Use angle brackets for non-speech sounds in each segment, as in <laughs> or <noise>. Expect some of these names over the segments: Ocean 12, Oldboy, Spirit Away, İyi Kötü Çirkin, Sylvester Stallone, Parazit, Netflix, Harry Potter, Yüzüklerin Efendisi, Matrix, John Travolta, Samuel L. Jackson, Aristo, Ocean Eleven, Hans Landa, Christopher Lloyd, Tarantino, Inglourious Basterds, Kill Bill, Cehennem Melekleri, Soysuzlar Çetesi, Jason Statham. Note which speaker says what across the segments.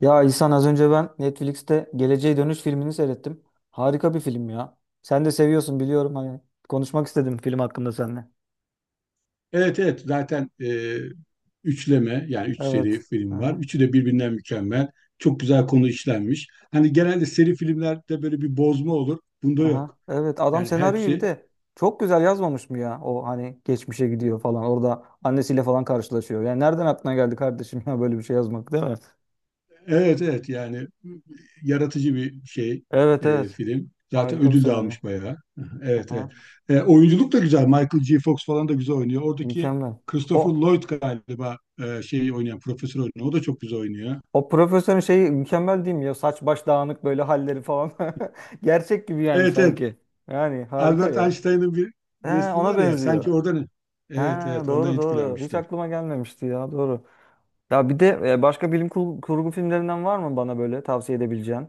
Speaker 1: Ya İhsan az önce ben Netflix'te Geleceğe Dönüş filmini seyrettim. Harika bir film ya. Sen de seviyorsun, biliyorum hani. Konuşmak istedim film hakkında seninle.
Speaker 2: Evet evet zaten üçleme yani üç seri
Speaker 1: Evet.
Speaker 2: film var.
Speaker 1: Aha,
Speaker 2: Üçü de birbirinden mükemmel. Çok güzel konu işlenmiş. Hani genelde seri filmlerde böyle bir bozma olur. Bunda
Speaker 1: aha.
Speaker 2: yok.
Speaker 1: Evet, adam
Speaker 2: Yani
Speaker 1: senaryoyu bir
Speaker 2: hepsi
Speaker 1: de çok güzel yazmamış mı ya? O hani geçmişe gidiyor falan. Orada annesiyle falan karşılaşıyor. Yani nereden aklına geldi kardeşim ya böyle bir şey yazmak, değil mi?
Speaker 2: evet evet yani yaratıcı bir şey
Speaker 1: Evet evet.
Speaker 2: film. Zaten
Speaker 1: Harika bir
Speaker 2: ödül de
Speaker 1: senaryo.
Speaker 2: almış bayağı. <laughs> Evet
Speaker 1: Aha.
Speaker 2: evet. Oyunculuk da güzel. Michael G. Fox falan da güzel oynuyor. Oradaki
Speaker 1: Mükemmel.
Speaker 2: Christopher
Speaker 1: O
Speaker 2: Lloyd galiba şeyi oynayan, profesör oynuyor. O da çok güzel oynuyor.
Speaker 1: O profesörün şeyi mükemmel değil mi ya? Saç baş dağınık böyle halleri falan. <laughs> Gerçek gibi yani,
Speaker 2: Evet evet
Speaker 1: sanki. Yani harika
Speaker 2: Albert
Speaker 1: ya.
Speaker 2: Einstein'ın bir
Speaker 1: He,
Speaker 2: resmi
Speaker 1: ona
Speaker 2: var ya sanki
Speaker 1: benziyor.
Speaker 2: oradan, evet
Speaker 1: Ha,
Speaker 2: evet, ondan
Speaker 1: doğru doğru. Hiç
Speaker 2: etkilenmişler.
Speaker 1: aklıma gelmemişti ya, doğru. Ya bir de başka bilim kurgu filmlerinden var mı bana böyle tavsiye edebileceğin?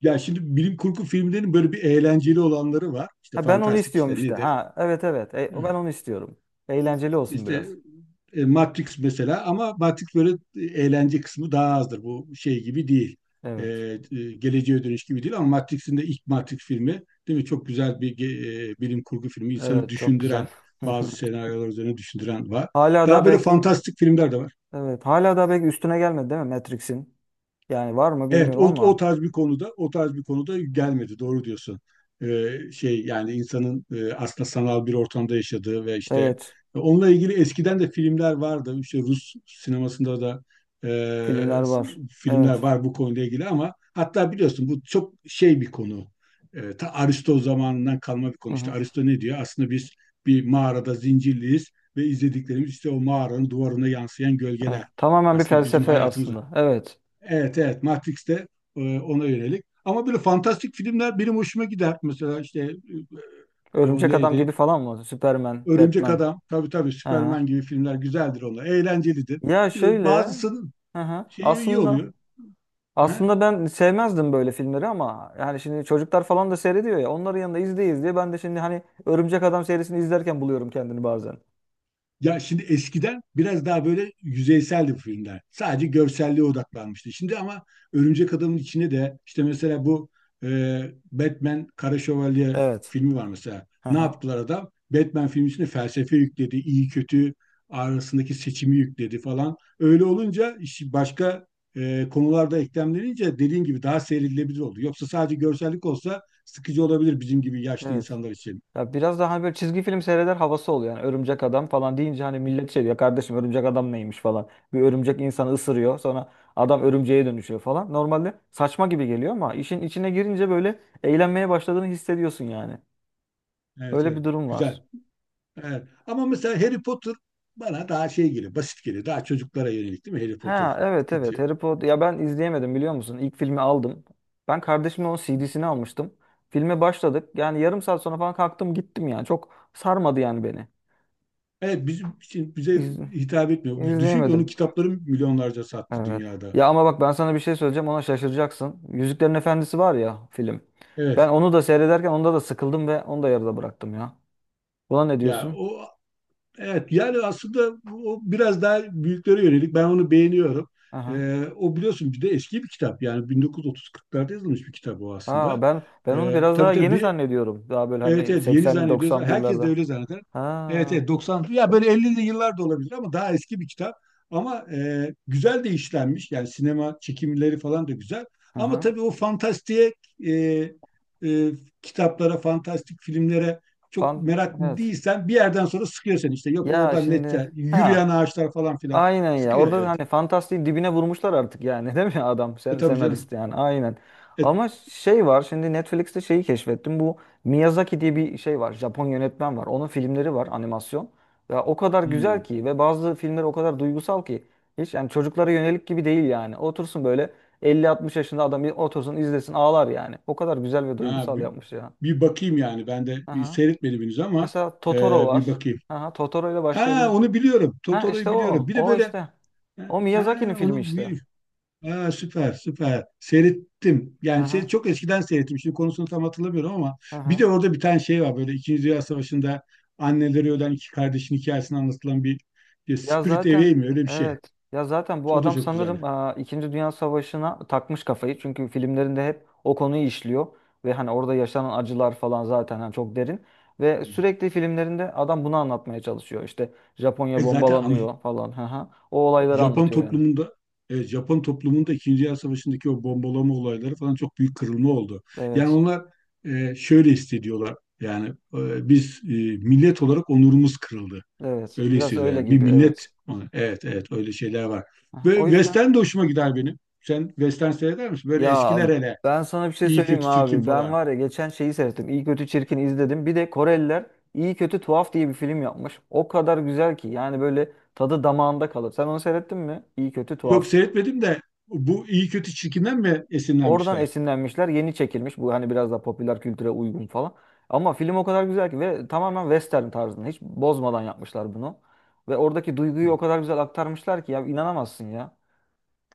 Speaker 2: Ya şimdi bilim kurgu filmlerinin böyle bir eğlenceli olanları var. İşte
Speaker 1: Ha, ben onu
Speaker 2: fantastik,
Speaker 1: istiyorum
Speaker 2: işte
Speaker 1: işte.
Speaker 2: nedir?
Speaker 1: Ha evet evet. E, ben onu istiyorum. Eğlenceli olsun
Speaker 2: İşte
Speaker 1: biraz.
Speaker 2: Matrix mesela, ama Matrix böyle eğlence kısmı daha azdır. Bu şey gibi değil.
Speaker 1: Evet.
Speaker 2: Geleceğe dönüş gibi değil, ama Matrix'in de ilk Matrix filmi, değil mi? Çok güzel bir bilim kurgu filmi. İnsanı
Speaker 1: Evet, çok güzel.
Speaker 2: düşündüren
Speaker 1: <laughs>
Speaker 2: bazı senaryolar üzerine düşündüren var.
Speaker 1: Hala da
Speaker 2: Daha böyle
Speaker 1: belki,
Speaker 2: fantastik filmler de var.
Speaker 1: evet hala da belki üstüne gelmedi değil mi Matrix'in? Yani var mı
Speaker 2: Evet,
Speaker 1: bilmiyorum
Speaker 2: o
Speaker 1: ama
Speaker 2: tarz bir konuda, o tarz bir konuda gelmedi. Doğru diyorsun. Şey yani insanın aslında sanal bir ortamda yaşadığı ve işte
Speaker 1: evet.
Speaker 2: onunla ilgili eskiden de filmler vardı. İşte Rus sinemasında da e,
Speaker 1: Filmler
Speaker 2: s-
Speaker 1: var.
Speaker 2: filmler
Speaker 1: Evet.
Speaker 2: var bu konuyla ilgili, ama hatta biliyorsun bu çok şey bir konu. Ta Aristo zamanından kalma bir
Speaker 1: Hı
Speaker 2: konu. İşte
Speaker 1: hı.
Speaker 2: Aristo ne diyor? Aslında biz bir mağarada zincirliyiz ve izlediklerimiz işte o mağaranın duvarına yansıyan
Speaker 1: Evet.
Speaker 2: gölgeler.
Speaker 1: Tamamen bir
Speaker 2: Aslında bizim
Speaker 1: felsefe
Speaker 2: hayatımız.
Speaker 1: aslında. Evet.
Speaker 2: Evet evet Matrix'te ona yönelik. Ama böyle fantastik filmler benim hoşuma gider. Mesela işte o
Speaker 1: Örümcek Adam
Speaker 2: neydi?
Speaker 1: gibi falan mı? Superman,
Speaker 2: Örümcek
Speaker 1: Batman.
Speaker 2: Adam. Tabii tabii,
Speaker 1: Hı hı.
Speaker 2: Superman gibi filmler güzeldir onlar. Eğlencelidir.
Speaker 1: Ya şöyle.
Speaker 2: Bazısının
Speaker 1: Hı hı.
Speaker 2: şeyi iyi
Speaker 1: Aslında
Speaker 2: oluyor.
Speaker 1: aslında ben sevmezdim böyle filmleri ama yani şimdi çocuklar falan da seyrediyor ya. Onların yanında izleyiz diye ben de şimdi hani Örümcek Adam serisini izlerken buluyorum kendini bazen.
Speaker 2: Ya şimdi eskiden biraz daha böyle yüzeyseldi bu filmler. Sadece görselliğe odaklanmıştı. Şimdi ama Örümcek Adam'ın içinde de işte mesela bu e, Batman Kara Şövalye
Speaker 1: Evet.
Speaker 2: filmi var mesela.
Speaker 1: Hı
Speaker 2: Ne
Speaker 1: hı.
Speaker 2: yaptılar adam? Batman filmi içinde felsefe yükledi, iyi kötü arasındaki seçimi yükledi falan. Öyle olunca işi başka konularda eklemlenince, dediğin gibi, daha seyredilebilir oldu. Yoksa sadece görsellik olsa sıkıcı olabilir bizim gibi yaşlı
Speaker 1: Evet.
Speaker 2: insanlar için.
Speaker 1: Ya biraz daha hani böyle çizgi film seyreder havası oluyor. Yani örümcek adam falan deyince hani millet şey diyor, kardeşim örümcek adam neymiş falan. Bir örümcek insanı ısırıyor, sonra adam örümceğe dönüşüyor falan. Normalde saçma gibi geliyor ama işin içine girince böyle eğlenmeye başladığını hissediyorsun yani.
Speaker 2: Evet,
Speaker 1: Öyle
Speaker 2: evet.
Speaker 1: bir durum var.
Speaker 2: Güzel. Evet. Ama mesela Harry Potter bana daha şey geliyor, basit geliyor. Daha çocuklara yönelik değil mi Harry Potter?
Speaker 1: Ha evet evet,
Speaker 2: Sıkıcı.
Speaker 1: Harry Potter ya, ben izleyemedim biliyor musun? İlk filmi aldım. Ben kardeşimle onun CD'sini almıştım. Filme başladık. Yani yarım saat sonra falan kalktım gittim yani. Çok sarmadı yani beni.
Speaker 2: Evet bizim için, bize
Speaker 1: İz,
Speaker 2: hitap etmiyor. Düşün ki onun
Speaker 1: izleyemedim.
Speaker 2: kitapları milyonlarca sattı
Speaker 1: Evet.
Speaker 2: dünyada.
Speaker 1: Ya ama bak ben sana bir şey söyleyeceğim, ona şaşıracaksın. Yüzüklerin Efendisi var ya film. Ben
Speaker 2: Evet.
Speaker 1: onu da seyrederken onda da sıkıldım ve onu da yarıda bıraktım ya. Buna ne
Speaker 2: Ya
Speaker 1: diyorsun?
Speaker 2: o, evet, yani aslında o biraz daha büyüklere yönelik. Ben onu beğeniyorum.
Speaker 1: Aha.
Speaker 2: O, biliyorsun, bir de eski bir kitap. Yani 1930-40'larda yazılmış bir kitap o
Speaker 1: Ha,
Speaker 2: aslında.
Speaker 1: ben onu biraz
Speaker 2: Tabii.
Speaker 1: daha yeni
Speaker 2: tabii
Speaker 1: zannediyorum. Daha böyle
Speaker 2: Evet
Speaker 1: hani
Speaker 2: evet, yeni
Speaker 1: 80'li
Speaker 2: zannediyoruz.
Speaker 1: 90'lı
Speaker 2: Herkes de
Speaker 1: yıllarda.
Speaker 2: öyle zanneder. Evet
Speaker 1: Ha.
Speaker 2: evet, 90 ya böyle 50'li yıllar da olabilir ama daha eski bir kitap. Ama güzel de işlenmiş. Yani sinema çekimleri falan da güzel. Ama
Speaker 1: Aha.
Speaker 2: tabii o fantastiğe e, e, kitaplara, fantastik filmlere çok
Speaker 1: Pan,
Speaker 2: meraklı
Speaker 1: evet.
Speaker 2: değilsen bir yerden sonra sıkıyor seni işte. Yok
Speaker 1: Ya
Speaker 2: oradan
Speaker 1: şimdi
Speaker 2: nette
Speaker 1: ha,
Speaker 2: yürüyen ağaçlar falan filan
Speaker 1: aynen ya.
Speaker 2: sıkıyor,
Speaker 1: Orada da
Speaker 2: evet.
Speaker 1: hani fantastiğin dibine vurmuşlar artık yani, <laughs> değil mi adam
Speaker 2: E
Speaker 1: sen,
Speaker 2: tabii
Speaker 1: senarist
Speaker 2: canım.
Speaker 1: yani aynen.
Speaker 2: E,
Speaker 1: Ama şey var şimdi, Netflix'te şeyi keşfettim. Bu Miyazaki diye bir şey var. Japon yönetmen var. Onun filmleri var, animasyon. Ya o kadar güzel
Speaker 2: hmm.
Speaker 1: ki ve bazı filmler o kadar duygusal ki hiç yani çocuklara yönelik gibi değil yani. Otursun böyle elli 60 yaşında adam, bir otursun izlesin, ağlar yani. O kadar güzel ve
Speaker 2: Ha,
Speaker 1: duygusal
Speaker 2: bir,
Speaker 1: yapmış ya.
Speaker 2: bir bakayım, yani ben de bir
Speaker 1: Aha.
Speaker 2: seyretmedim henüz ama
Speaker 1: Mesela Totoro var.
Speaker 2: bir bakayım.
Speaker 1: Aha, Totoro ile
Speaker 2: Ha,
Speaker 1: başlayabilir.
Speaker 2: onu biliyorum.
Speaker 1: Ha işte
Speaker 2: Totoro'yu biliyorum.
Speaker 1: o.
Speaker 2: Bir de
Speaker 1: O
Speaker 2: böyle
Speaker 1: işte.
Speaker 2: ha,
Speaker 1: O Miyazaki'nin
Speaker 2: ha,
Speaker 1: filmi
Speaker 2: onu
Speaker 1: işte.
Speaker 2: bir ha, süper süper seyrettim. Yani şey,
Speaker 1: Aha,
Speaker 2: çok eskiden seyrettim. Şimdi konusunu tam hatırlamıyorum ama bir de
Speaker 1: aha.
Speaker 2: orada bir tane şey var, böyle İkinci Dünya Savaşı'nda anneleri ölen iki kardeşin hikayesini anlatılan bir
Speaker 1: Ya
Speaker 2: Spirit
Speaker 1: zaten
Speaker 2: Away mi öyle bir şey.
Speaker 1: evet. Ya zaten bu
Speaker 2: O da
Speaker 1: adam
Speaker 2: çok
Speaker 1: sanırım
Speaker 2: güzeldi.
Speaker 1: İkinci Dünya Savaşı'na takmış kafayı. Çünkü filmlerinde hep o konuyu işliyor. Ve hani orada yaşanan acılar falan zaten hani çok derin. Ve
Speaker 2: Hmm.
Speaker 1: sürekli filmlerinde adam bunu anlatmaya çalışıyor. İşte Japonya
Speaker 2: E zaten, ama
Speaker 1: bombalanıyor falan. Aha. O olayları
Speaker 2: Japon
Speaker 1: anlatıyor yani.
Speaker 2: toplumunda, evet, Japon toplumunda İkinci Dünya Savaşı'ndaki o bombalama olayları falan çok büyük kırılma oldu. Yani
Speaker 1: Evet.
Speaker 2: onlar şöyle hissediyorlar. Yani biz millet olarak onurumuz kırıldı.
Speaker 1: Evet.
Speaker 2: Öyle
Speaker 1: Biraz
Speaker 2: hissediyor
Speaker 1: öyle
Speaker 2: yani. Bir
Speaker 1: gibi.
Speaker 2: millet,
Speaker 1: Evet.
Speaker 2: evet evet, öyle şeyler var.
Speaker 1: Aha,
Speaker 2: Ve
Speaker 1: o yüzden.
Speaker 2: Western de hoşuma gider benim. Sen Western seyreder misin? Böyle
Speaker 1: Ya
Speaker 2: eskiler hele.
Speaker 1: ben sana bir şey
Speaker 2: İyi
Speaker 1: söyleyeyim mi
Speaker 2: kötü Çirkin
Speaker 1: abi. Ben
Speaker 2: falan.
Speaker 1: var ya, geçen şeyi seyrettim. İyi Kötü Çirkin izledim. Bir de Koreliler İyi Kötü Tuhaf diye bir film yapmış. O kadar güzel ki yani, böyle tadı damağında kalır. Sen onu seyrettin mi? İyi Kötü
Speaker 2: Yok,
Speaker 1: Tuhaf.
Speaker 2: seyretmedim de bu iyi kötü Çirkinden mi
Speaker 1: Oradan
Speaker 2: esinlenmişler?
Speaker 1: esinlenmişler. Yeni çekilmiş. Bu hani biraz daha popüler kültüre uygun falan. Ama film o kadar güzel ki ve tamamen western tarzında. Hiç bozmadan yapmışlar bunu. Ve oradaki duyguyu o kadar güzel aktarmışlar ki ya, inanamazsın ya.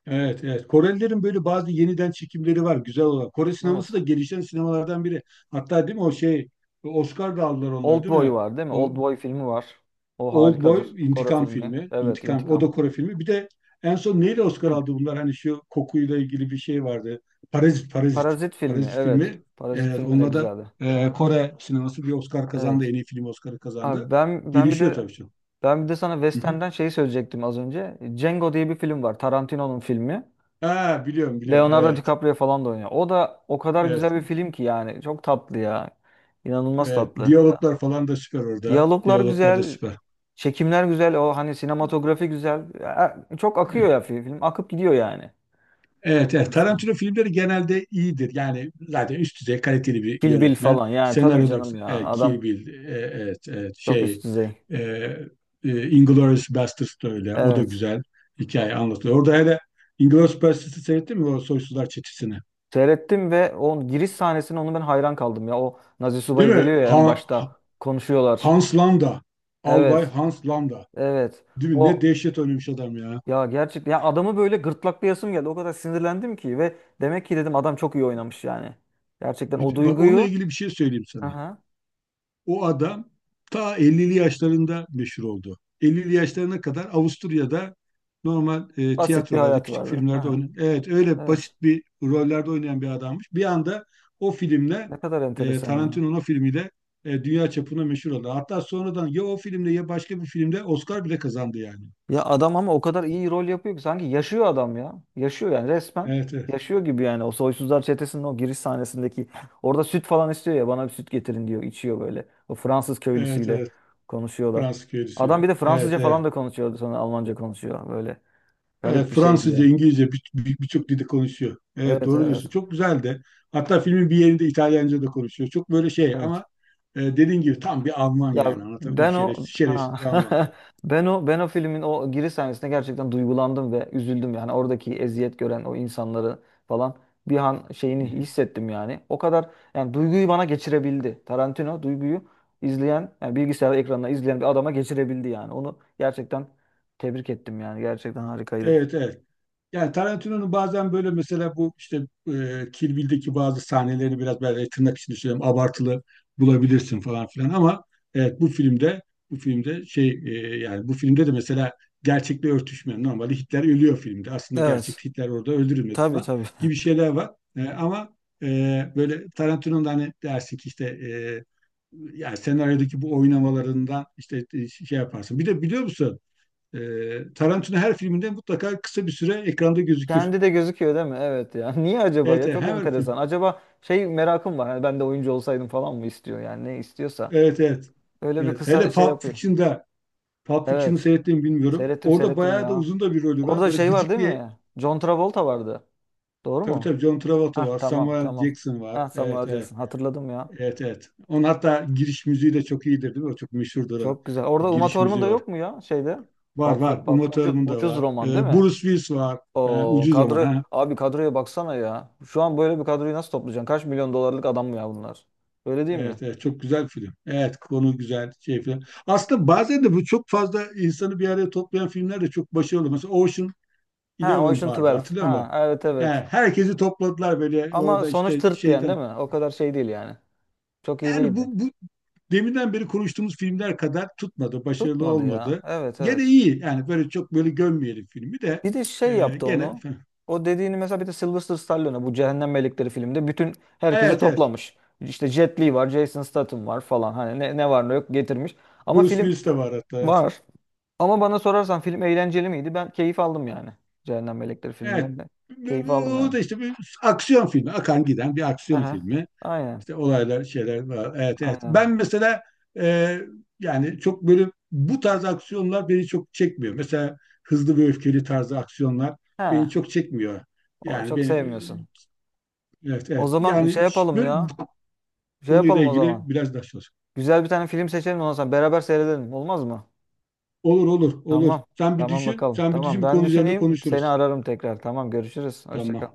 Speaker 2: Evet, evet. Korelilerin böyle bazı yeniden çekimleri var güzel olan. Kore sineması
Speaker 1: Evet.
Speaker 2: da gelişen sinemalardan biri. Hatta değil mi o şey, Oscar da aldılar onlar, değil
Speaker 1: Oldboy
Speaker 2: mi?
Speaker 1: var değil mi?
Speaker 2: O
Speaker 1: Oldboy filmi var. O
Speaker 2: Oldboy
Speaker 1: harikadır. Kore
Speaker 2: intikam
Speaker 1: filmi.
Speaker 2: filmi,
Speaker 1: Evet,
Speaker 2: intikam, o da
Speaker 1: İntikam.
Speaker 2: Kore filmi. Bir de en son neyle Oscar
Speaker 1: Hı.
Speaker 2: aldı bunlar? Hani şu kokuyla ilgili bir şey vardı. Parazit, Parazit.
Speaker 1: Parazit filmi.
Speaker 2: Parazit
Speaker 1: Evet.
Speaker 2: filmi.
Speaker 1: Parazit
Speaker 2: Evet,
Speaker 1: filmi de
Speaker 2: onunla da
Speaker 1: güzeldi. Aha.
Speaker 2: Kore sineması bir Oscar kazandı.
Speaker 1: Evet.
Speaker 2: En iyi film Oscar'ı kazandı.
Speaker 1: Abi, ben ben bir
Speaker 2: Gelişiyor
Speaker 1: de
Speaker 2: tabii çok.
Speaker 1: ben bir de sana
Speaker 2: Hı hı.
Speaker 1: Western'den şeyi söyleyecektim az önce. Django diye bir film var. Tarantino'nun filmi.
Speaker 2: Ha, biliyorum biliyorum.
Speaker 1: Leonardo
Speaker 2: Evet.
Speaker 1: DiCaprio falan da oynuyor. O da o kadar
Speaker 2: Evet.
Speaker 1: güzel bir film ki yani. Çok tatlı ya. İnanılmaz
Speaker 2: Evet,
Speaker 1: tatlı. Ha.
Speaker 2: diyaloglar falan da süper orada.
Speaker 1: Diyaloglar
Speaker 2: Diyaloglar da
Speaker 1: güzel.
Speaker 2: süper.
Speaker 1: Çekimler güzel. O hani sinematografi güzel. Ya, çok akıyor ya film. Akıp gidiyor yani.
Speaker 2: Evet, evet.
Speaker 1: Aslan.
Speaker 2: Tarantino filmleri genelde iyidir. Yani zaten üst düzey kaliteli bir
Speaker 1: Kill Bill
Speaker 2: yönetmen.
Speaker 1: falan, yani tabii
Speaker 2: Senaryolar,
Speaker 1: canım ya,
Speaker 2: Kill
Speaker 1: adam
Speaker 2: Bill, evet, evet,
Speaker 1: çok
Speaker 2: şey,
Speaker 1: üst düzey.
Speaker 2: e, Inglourious Basterds da öyle. O da
Speaker 1: Evet.
Speaker 2: güzel, hikaye anlatılıyor. Orada hele Inglourious Basterds'ı seyrettin mi, o Soysuzlar Çetesi'ni?
Speaker 1: Seyrettim ve o giriş sahnesine, onu ben hayran kaldım ya. O Nazi
Speaker 2: Değil
Speaker 1: subayı
Speaker 2: mi?
Speaker 1: geliyor ya en başta, konuşuyorlar.
Speaker 2: Hans Landa. Albay
Speaker 1: Evet.
Speaker 2: Hans Landa.
Speaker 1: Evet.
Speaker 2: Değil mi? Ne
Speaker 1: O
Speaker 2: dehşet oynamış adam ya.
Speaker 1: ya gerçekten ya, adamı böyle gırtlaklayasım geldi. O kadar sinirlendim ki, ve demek ki dedim adam çok iyi oynamış yani. Gerçekten o
Speaker 2: Bak, onunla
Speaker 1: duyguyu,
Speaker 2: ilgili bir şey söyleyeyim sana.
Speaker 1: aha,
Speaker 2: O adam ta 50'li yaşlarında meşhur oldu. 50'li yaşlarına kadar Avusturya'da normal,
Speaker 1: basit bir
Speaker 2: tiyatrolarda,
Speaker 1: hayat
Speaker 2: küçük
Speaker 1: vardı.
Speaker 2: filmlerde
Speaker 1: Aha,
Speaker 2: oynayan, evet öyle
Speaker 1: evet.
Speaker 2: basit bir rollerde oynayan bir adammış. Bir anda o filmle,
Speaker 1: Ne kadar enteresan ya.
Speaker 2: Tarantino'nun o filmiyle, dünya çapına meşhur oldu. Hatta sonradan ya o filmle ya başka bir filmde Oscar bile kazandı yani.
Speaker 1: Ya adam ama o kadar iyi rol yapıyor ki sanki yaşıyor adam ya. Yaşıyor yani resmen.
Speaker 2: Evet, evet,
Speaker 1: Yaşıyor gibi yani, o Soysuzlar Çetesi'nin o giriş sahnesindeki, orada süt falan istiyor ya, bana bir süt getirin diyor, içiyor böyle. O Fransız
Speaker 2: evet,
Speaker 1: köylüsüyle
Speaker 2: evet.
Speaker 1: konuşuyorlar.
Speaker 2: Fransız
Speaker 1: Adam
Speaker 2: köylüsüyle.
Speaker 1: bir de
Speaker 2: Evet,
Speaker 1: Fransızca falan
Speaker 2: evet.
Speaker 1: da konuşuyordu, sonra Almanca konuşuyor böyle.
Speaker 2: Evet,
Speaker 1: Garip bir şeydi
Speaker 2: Fransızca,
Speaker 1: yani.
Speaker 2: İngilizce birçok dilde konuşuyor. Evet,
Speaker 1: Evet
Speaker 2: doğru diyorsun.
Speaker 1: evet.
Speaker 2: Çok güzel de. Hatta filmin bir yerinde İtalyanca da konuşuyor. Çok böyle şey,
Speaker 1: Evet.
Speaker 2: ama dediğin gibi tam bir Alman
Speaker 1: Ya
Speaker 2: yani. Anlatabiliyor muyum?
Speaker 1: ben
Speaker 2: Şerefsiz,
Speaker 1: o ha
Speaker 2: şerefsiz bir Alman. Hı
Speaker 1: <laughs> ben o filmin o giriş sahnesinde gerçekten duygulandım ve üzüldüm yani, oradaki eziyet gören o insanları falan bir an şeyini
Speaker 2: hı.
Speaker 1: hissettim yani. O kadar yani duyguyu bana geçirebildi. Tarantino duyguyu izleyen yani bilgisayar ekranına izleyen bir adama geçirebildi yani. Onu gerçekten tebrik ettim yani. Gerçekten harikaydı.
Speaker 2: Evet evet. Yani Tarantino'nun bazen böyle mesela bu işte Kill Bill'deki bazı sahnelerini biraz böyle tırnak içinde söylüyorum, abartılı bulabilirsin falan filan, ama evet, bu filmde, şey, yani bu filmde de mesela gerçekle örtüşmeyen, normalde Hitler ölüyor filmde, aslında
Speaker 1: Evet.
Speaker 2: gerçekte Hitler orada öldürülmedi
Speaker 1: Tabii
Speaker 2: falan
Speaker 1: tabii.
Speaker 2: gibi
Speaker 1: <laughs>
Speaker 2: şeyler var. Ama böyle Tarantino'nun da, hani dersin ki işte yani senaryodaki bu oynamalarından işte şey yaparsın. Bir de biliyor musun? Tarantino her filminde mutlaka kısa bir süre ekranda gözükür.
Speaker 1: Kendi de gözüküyor değil mi? Evet ya. <laughs> Niye acaba
Speaker 2: Evet,
Speaker 1: ya?
Speaker 2: evet,
Speaker 1: Çok
Speaker 2: her film.
Speaker 1: enteresan. Acaba şey, merakım var. Hani ben de oyuncu olsaydım falan mı istiyor yani, ne istiyorsa.
Speaker 2: Evet, evet.
Speaker 1: Öyle bir
Speaker 2: Evet.
Speaker 1: kısa
Speaker 2: Hele
Speaker 1: şey
Speaker 2: Pulp
Speaker 1: yapıyor.
Speaker 2: Fiction'da. Pulp Fiction'ı
Speaker 1: Evet.
Speaker 2: seyrettiğimi bilmiyorum.
Speaker 1: Seyrettim
Speaker 2: Orada
Speaker 1: seyrettim
Speaker 2: bayağı da
Speaker 1: ya.
Speaker 2: uzun da bir rolü var.
Speaker 1: Orada
Speaker 2: Böyle
Speaker 1: şey var
Speaker 2: gıcık
Speaker 1: değil
Speaker 2: bir.
Speaker 1: mi? John Travolta vardı. Doğru
Speaker 2: Tabii
Speaker 1: mu?
Speaker 2: tabii, John Travolta
Speaker 1: Hah
Speaker 2: var,
Speaker 1: tamam
Speaker 2: Samuel
Speaker 1: tamam.
Speaker 2: Jackson var.
Speaker 1: Hah, Samuel
Speaker 2: Evet,
Speaker 1: L.
Speaker 2: evet,
Speaker 1: Jackson. Hatırladım ya.
Speaker 2: evet, evet. Onun hatta giriş müziği de çok iyidir, değil mi? O çok meşhurdur o.
Speaker 1: Çok güzel.
Speaker 2: Bir
Speaker 1: Orada Uma
Speaker 2: giriş
Speaker 1: Thurman da
Speaker 2: müziği var.
Speaker 1: yok mu ya şeyde?
Speaker 2: Var
Speaker 1: Pap,
Speaker 2: var.
Speaker 1: pap,
Speaker 2: Uma
Speaker 1: ucuz,
Speaker 2: Thurman da
Speaker 1: ucuz
Speaker 2: var.
Speaker 1: roman değil mi?
Speaker 2: Bruce Willis var. Ha,
Speaker 1: O
Speaker 2: ucuz zaman.
Speaker 1: kadro,
Speaker 2: Ha.
Speaker 1: abi kadroya baksana ya. Şu an böyle bir kadroyu nasıl toplayacaksın? Kaç milyon dolarlık adam mı ya bunlar? Öyle değil mi?
Speaker 2: Evet, evet, çok güzel film. Evet, konu güzel şey film. Aslında bazen de bu çok fazla insanı bir araya toplayan filmler de çok başarılı. Mesela Ocean
Speaker 1: Ha,
Speaker 2: Eleven
Speaker 1: Ocean
Speaker 2: vardı,
Speaker 1: 12.
Speaker 2: hatırlıyor musun?
Speaker 1: Ha evet
Speaker 2: He,
Speaker 1: evet.
Speaker 2: herkesi topladılar böyle
Speaker 1: Ama
Speaker 2: orada
Speaker 1: sonuç
Speaker 2: işte
Speaker 1: tırt diyen değil
Speaker 2: şeyden.
Speaker 1: mi? O kadar şey değil yani. Çok iyi değil.
Speaker 2: Yani bu deminden beri konuştuğumuz filmler kadar tutmadı, başarılı
Speaker 1: Tutmadı ya.
Speaker 2: olmadı.
Speaker 1: Evet
Speaker 2: Gene
Speaker 1: evet.
Speaker 2: iyi yani, böyle çok böyle gömmeyelim filmi de
Speaker 1: Bir de şey yaptı
Speaker 2: gene. <laughs>
Speaker 1: onu. O dediğini mesela, bir de Sylvester Stallone'a bu Cehennem Melekleri filmde bütün herkesi
Speaker 2: Evet evet,
Speaker 1: toplamış. İşte Jet Li var, Jason Statham var falan. Hani ne var ne yok getirmiş. Ama
Speaker 2: Bruce
Speaker 1: film
Speaker 2: Willis de var hatta. Evet.
Speaker 1: var. Ama bana sorarsan film eğlenceli miydi? Ben keyif aldım yani. Cehennem Melekleri filminden
Speaker 2: Evet.
Speaker 1: de keyif aldım
Speaker 2: O
Speaker 1: yani.
Speaker 2: da işte bir aksiyon filmi, akan giden bir aksiyon
Speaker 1: Aha.
Speaker 2: filmi.
Speaker 1: Aynen.
Speaker 2: İşte olaylar, şeyler var. Evet, evet. Ben
Speaker 1: Aynen.
Speaker 2: mesela e, yani çok böyle bu tarz aksiyonlar beni çok çekmiyor. Mesela hızlı ve öfkeli tarzı aksiyonlar
Speaker 1: He.
Speaker 2: beni çok çekmiyor.
Speaker 1: O
Speaker 2: Yani
Speaker 1: çok
Speaker 2: beni,
Speaker 1: sevmiyorsun.
Speaker 2: evet,
Speaker 1: O
Speaker 2: evet.
Speaker 1: zaman şey
Speaker 2: Yani
Speaker 1: yapalım
Speaker 2: böyle bu
Speaker 1: ya. Şey
Speaker 2: konuyla
Speaker 1: yapalım o
Speaker 2: ilgili
Speaker 1: zaman.
Speaker 2: biraz daha çalış.
Speaker 1: Güzel bir tane film seçelim, ondan sonra beraber seyredelim. Olmaz mı?
Speaker 2: Olur, olur, olur.
Speaker 1: Tamam.
Speaker 2: Sen bir
Speaker 1: Tamam
Speaker 2: düşün,
Speaker 1: bakalım.
Speaker 2: sen bir
Speaker 1: Tamam,
Speaker 2: düşün, bu
Speaker 1: ben
Speaker 2: konu üzerinde
Speaker 1: düşüneyim. Seni
Speaker 2: konuşuruz.
Speaker 1: ararım tekrar. Tamam, görüşürüz. Hoşça
Speaker 2: Tamam.
Speaker 1: kal.